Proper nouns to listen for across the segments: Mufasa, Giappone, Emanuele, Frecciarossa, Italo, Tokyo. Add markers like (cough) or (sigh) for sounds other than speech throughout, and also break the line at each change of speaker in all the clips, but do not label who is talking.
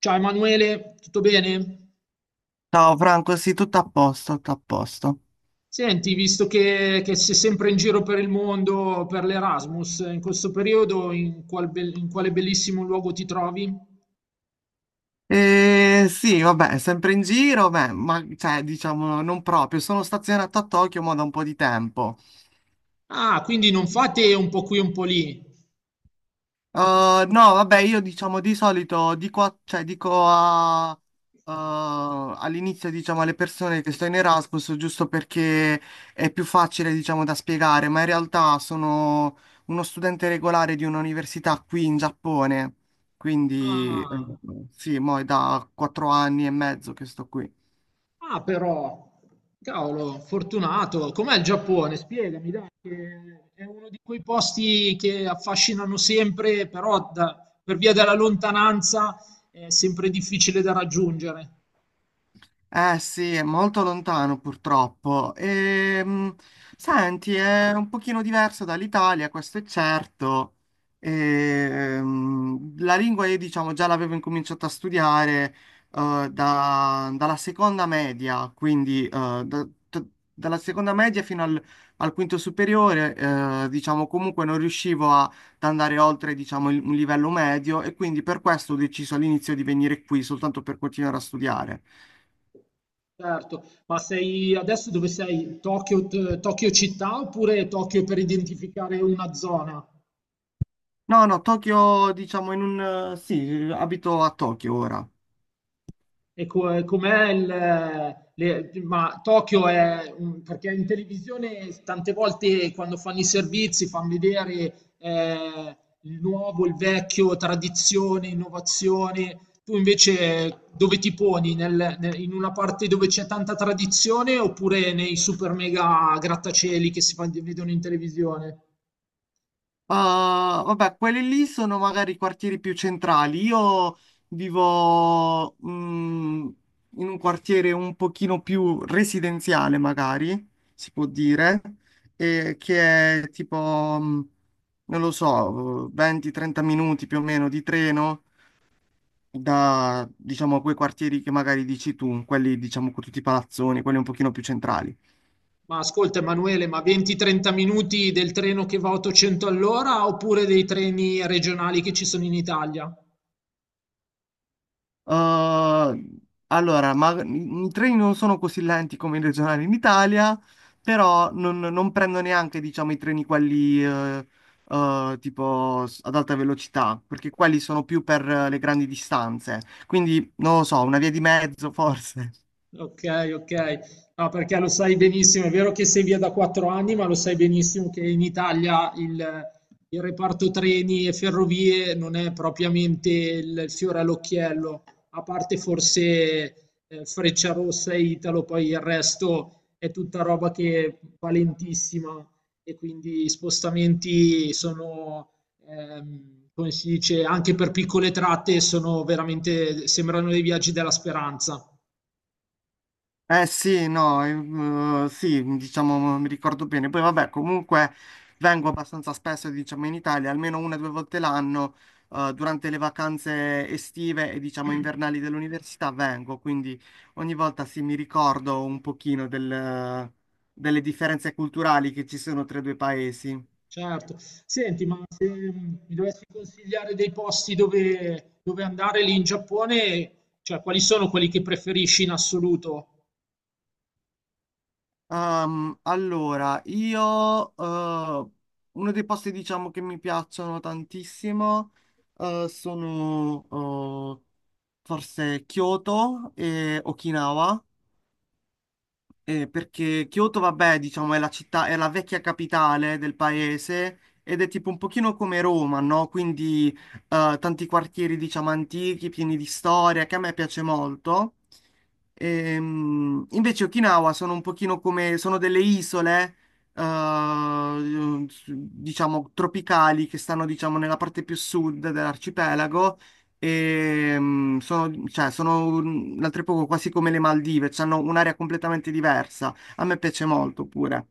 Ciao Emanuele, tutto bene?
Ciao Franco, sì, tutto a posto, tutto a posto.
Senti, visto che sei sempre in giro per il mondo, per l'Erasmus, in questo periodo in quale bellissimo luogo ti trovi?
Sì, vabbè, sempre in giro, beh, ma cioè, diciamo, non proprio. Sono stazionato a Tokyo ma da un po' di tempo.
Ah, quindi non fate un po' qui, un po' lì.
No, vabbè, io diciamo di solito dico, cioè, all'inizio diciamo alle persone che sto in Erasmus giusto perché è più facile diciamo da spiegare, ma in realtà sono uno studente regolare di un'università qui in Giappone, quindi
Ah,
sì, mo è da 4 anni e mezzo che sto qui.
ah, però, cavolo, fortunato. Com'è il Giappone? Spiegami, dai, che è uno di quei posti che affascinano sempre, però per via della lontananza è sempre difficile da raggiungere.
Eh sì, è molto lontano purtroppo. Senti, è un pochino diverso dall'Italia, questo è certo. La lingua io diciamo già l'avevo incominciato a studiare dalla seconda media, quindi da- dalla seconda media fino al quinto superiore, diciamo comunque non riuscivo ad andare oltre diciamo un livello medio e quindi per questo ho deciso all'inizio di venire qui soltanto per continuare a studiare.
Certo, ma sei adesso dove sei? Tokyo, Tokyo città oppure Tokyo per identificare una zona?
No, no, Tokyo, diciamo, sì, abito a Tokyo ora.
E com'è il. Ma Tokyo è. Perché in televisione tante volte quando fanno i servizi fanno vedere il nuovo, il vecchio, tradizione, innovazione. Tu invece dove ti poni? In una parte dove c'è tanta tradizione oppure nei super mega grattacieli che si vedono in televisione?
Ah, vabbè, quelli lì sono magari i quartieri più centrali. Io vivo in un quartiere un pochino più residenziale, magari, si può dire, e che è tipo, mm, non lo so, 20-30 minuti più o meno di treno da, diciamo, quei quartieri che magari dici tu, quelli, diciamo, con tutti i palazzoni, quelli un pochino più centrali.
Ma ascolta Emanuele, ma 20-30 minuti del treno che va a 800 all'ora oppure dei treni regionali che ci sono in Italia?
Uh, allora, ma i treni non sono così lenti come i regionali in Italia, però non prendo neanche, diciamo, i treni quelli tipo ad alta velocità, perché quelli sono più per le grandi distanze. Quindi, non lo so, una via di mezzo forse.
Ok, ok. No, perché lo sai benissimo, è vero che sei via da 4 anni, ma lo sai benissimo che in Italia il reparto treni e ferrovie non è propriamente il fiore all'occhiello, a parte forse Frecciarossa e Italo, poi il resto è tutta roba che è valentissima e quindi i spostamenti sono, come si dice, anche per piccole tratte sono veramente, sembrano dei viaggi della speranza.
Eh sì, no, sì, diciamo, mi ricordo bene. Poi vabbè, comunque vengo abbastanza spesso, diciamo, in Italia, almeno una o due volte l'anno, durante le vacanze estive e, diciamo, invernali dell'università vengo, quindi ogni volta sì, mi ricordo un pochino delle differenze culturali che ci sono tra i due paesi.
Certo. Senti, ma se mi dovessi consigliare dei posti dove, dove andare lì in Giappone, cioè quali sono quelli che preferisci in assoluto?
Allora, io, uno dei posti, diciamo, che mi piacciono tantissimo sono forse Kyoto e Okinawa, perché Kyoto, vabbè, diciamo, è la città, è la vecchia capitale del paese ed è tipo un pochino come Roma, no? Quindi tanti quartieri, diciamo, antichi, pieni di storia, che a me piace molto. Invece Okinawa sono un pochino come, sono delle isole, diciamo, tropicali che stanno, diciamo, nella parte più sud dell'arcipelago e, sono, cioè, sono l'altro poco quasi come le Maldive, cioè, hanno un'area completamente diversa. A me piace molto pure.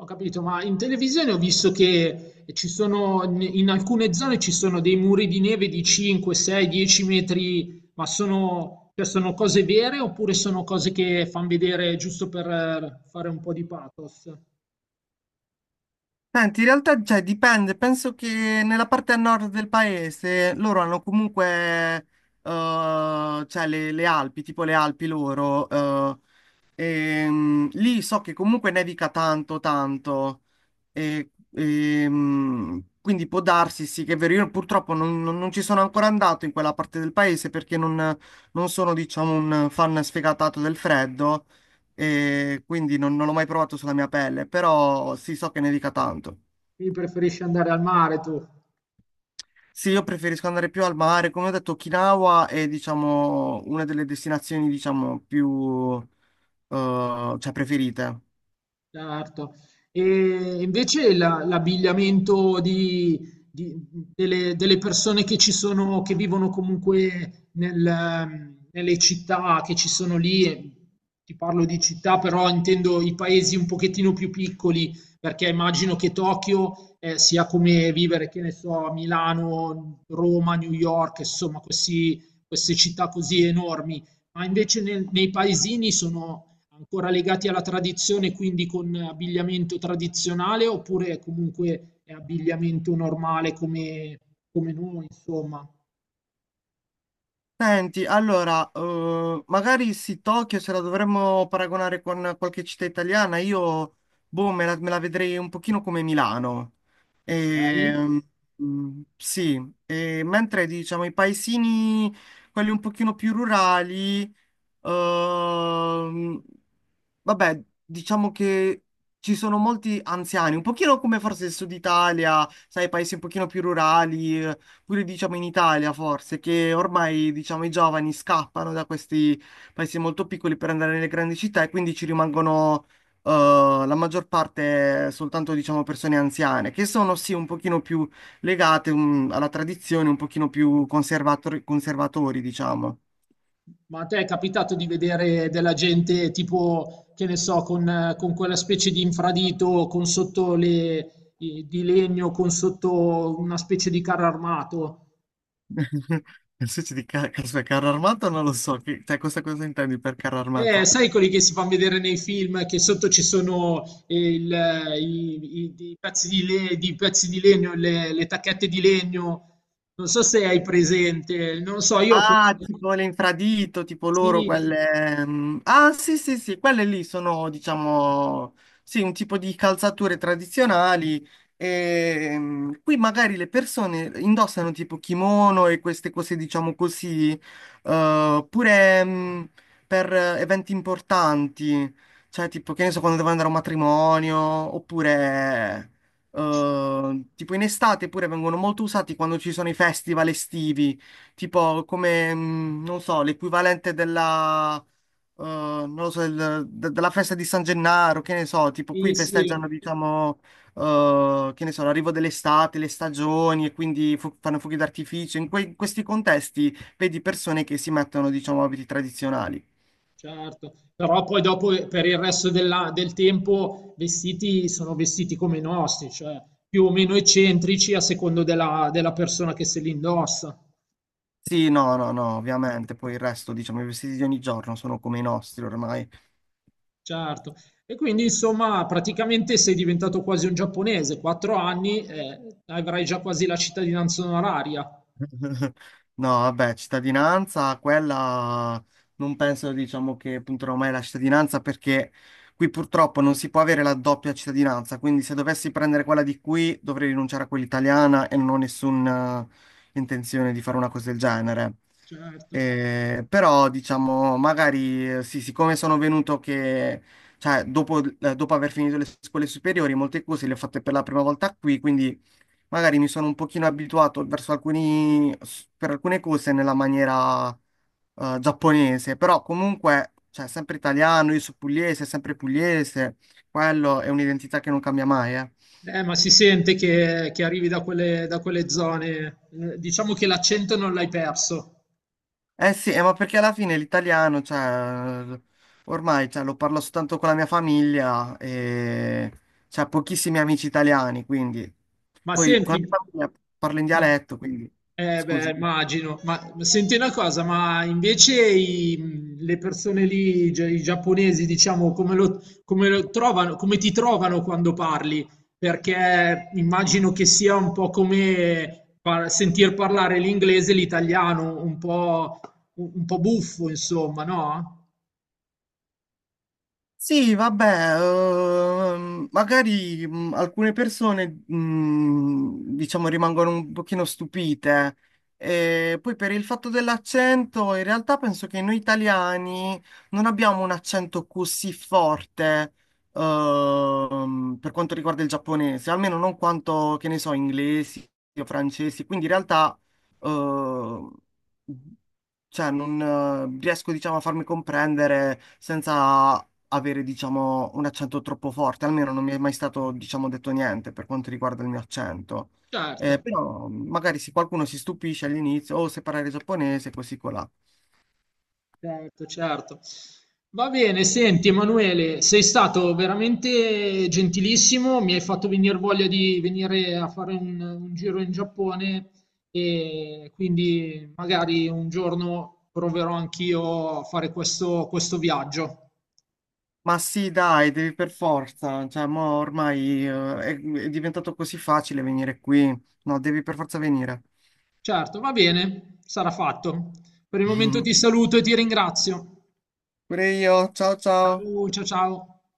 Ho capito, ma in televisione ho visto che ci sono, in alcune zone ci sono dei muri di neve di 5, 6, 10 metri, ma sono, cioè sono cose vere oppure sono cose che fanno vedere giusto per fare un po' di pathos?
Senti, in realtà, cioè, dipende. Penso che nella parte a nord del paese loro hanno comunque, cioè, le Alpi, tipo le Alpi loro. E, lì so che comunque nevica tanto, tanto. E, quindi può darsi, sì, che è vero. Io purtroppo non ci sono ancora andato in quella parte del paese perché non sono, diciamo, un fan sfegatato del freddo e quindi non l'ho mai provato sulla mia pelle, però sì, so che nevica tanto.
Quindi preferisci andare al mare tu?
Sì, io preferisco andare più al mare. Come ho detto, Okinawa è, diciamo, una delle destinazioni, diciamo, più, cioè, preferite.
Certo. E invece l'abbigliamento di- delle persone che ci sono, che vivono comunque nelle città che ci sono lì, e ti parlo di città, però intendo i paesi un pochettino più piccoli, perché immagino che Tokyo, sia come vivere, che ne so, a Milano, Roma, New York, insomma, queste città così enormi, ma invece nei paesini sono ancora legati alla tradizione, quindi con abbigliamento tradizionale, oppure comunque è abbigliamento normale come, come noi, insomma.
Senti, allora, magari sì, Tokyo se la dovremmo paragonare con qualche città italiana, io, boh, me la vedrei un pochino come Milano.
Ok.
E, sì, e mentre diciamo i paesini, quelli un pochino più rurali, ehm, Vabbè, diciamo che ci sono molti anziani, un pochino come forse il Sud Italia, sai, paesi un pochino più rurali, pure diciamo in Italia forse, che ormai diciamo i giovani scappano da questi paesi molto piccoli per andare nelle grandi città e quindi ci rimangono eh, la maggior parte soltanto diciamo persone anziane, che sono sì un pochino più legate alla tradizione, un pochino più conservatori, conservatori, diciamo.
Ma a te è capitato di vedere della gente tipo, che ne so, con quella specie di infradito con sotto le, di legno, con sotto una specie di carro armato?
(laughs) Nel senso di aspetta, carro armato non lo so, che, cioè, questa cosa intendi per carro armato?
Sai quelli che si fanno vedere nei film che sotto ci sono i pezzi di pezzi di legno, le tacchette di legno. Non so se hai presente, non so, io ho questo.
Ah, tipo l'infradito, tipo loro
Sì,
ah, sì, sì, sì, quelle lì sono, diciamo, sì, un tipo di calzature tradizionali. E, qui magari le persone indossano tipo kimono e queste cose, diciamo così, pure per eventi importanti, cioè tipo, che ne so, quando devo andare a un matrimonio, oppure... tipo in estate pure vengono molto usati quando ci sono i festival estivi tipo come, non so, l'equivalente della, non lo so, della festa di San Gennaro, che ne so, tipo
sì,
qui
sì,
festeggiano, diciamo, che ne so, l'arrivo dell'estate, le stagioni e quindi fanno fuochi d'artificio. In questi contesti vedi persone che si mettono, diciamo, abiti tradizionali.
certo. Però poi dopo per il resto del tempo vestiti sono vestiti come i nostri, cioè più o meno eccentrici a secondo della, della persona che se li indossa.
Sì, no, no, no, ovviamente, poi il resto, diciamo, i vestiti di ogni giorno sono come i nostri ormai.
Certo. E quindi insomma praticamente sei diventato quasi un giapponese, 4 anni e avrai già quasi la cittadinanza onoraria.
(laughs) No, vabbè, cittadinanza, quella non penso, diciamo, che punterò mai la cittadinanza perché qui purtroppo non si può avere la doppia cittadinanza, quindi se dovessi prendere quella di qui dovrei rinunciare a quella italiana e non ho nessuna intenzione di fare una cosa del genere.
Certo.
Però, diciamo, magari sì, siccome sono venuto che, cioè, dopo aver finito le scuole superiori, molte cose le ho fatte per la prima volta qui, quindi magari mi sono un pochino abituato verso alcuni, per alcune cose nella maniera giapponese, però comunque, cioè, sempre italiano, io sono pugliese, sempre pugliese, quello è un'identità che non cambia mai, eh.
Ma si sente che arrivi da quelle zone. Diciamo che l'accento non l'hai perso.
Eh sì, ma perché alla fine l'italiano, cioè, ormai, cioè, lo parlo soltanto con la mia famiglia e c'è pochissimi amici italiani, quindi...
Ma
Poi con la
senti,
mia famiglia parlo in
ma
dialetto, quindi...
eh
Scusa.
beh, immagino, ma senti una cosa, ma invece le persone lì, i giapponesi, diciamo, come lo, trovano, come ti trovano quando parli? Perché immagino che sia un po' come sentir parlare l'inglese e l'italiano, un po' buffo, insomma, no?
Sì, vabbè, magari alcune persone, diciamo, rimangono un pochino stupite. E poi per il fatto dell'accento, in realtà penso che noi italiani non abbiamo un accento così forte, per quanto riguarda il giapponese, almeno non quanto, che ne so, inglesi o francesi. Quindi in realtà, ehm, cioè, non riesco, diciamo, a farmi comprendere senza avere, diciamo, un accento troppo forte, almeno non mi è mai stato, diciamo, detto niente per quanto riguarda il mio accento.
Certo.
Però magari se qualcuno si stupisce all'inizio, o se parlare giapponese, così colà.
Certo, certo. Va bene, senti Emanuele, sei stato veramente gentilissimo, mi hai fatto venire voglia di venire a fare un giro in Giappone e quindi magari un giorno proverò anch'io a fare questo viaggio.
Ma sì, dai, devi per forza, cioè, mo ormai è diventato così facile venire qui. No, devi per forza venire.
Certo, va bene, sarà fatto. Per il momento ti
(laughs)
saluto e ti ringrazio.
Pure io, ciao ciao.
Ciao, ciao, ciao.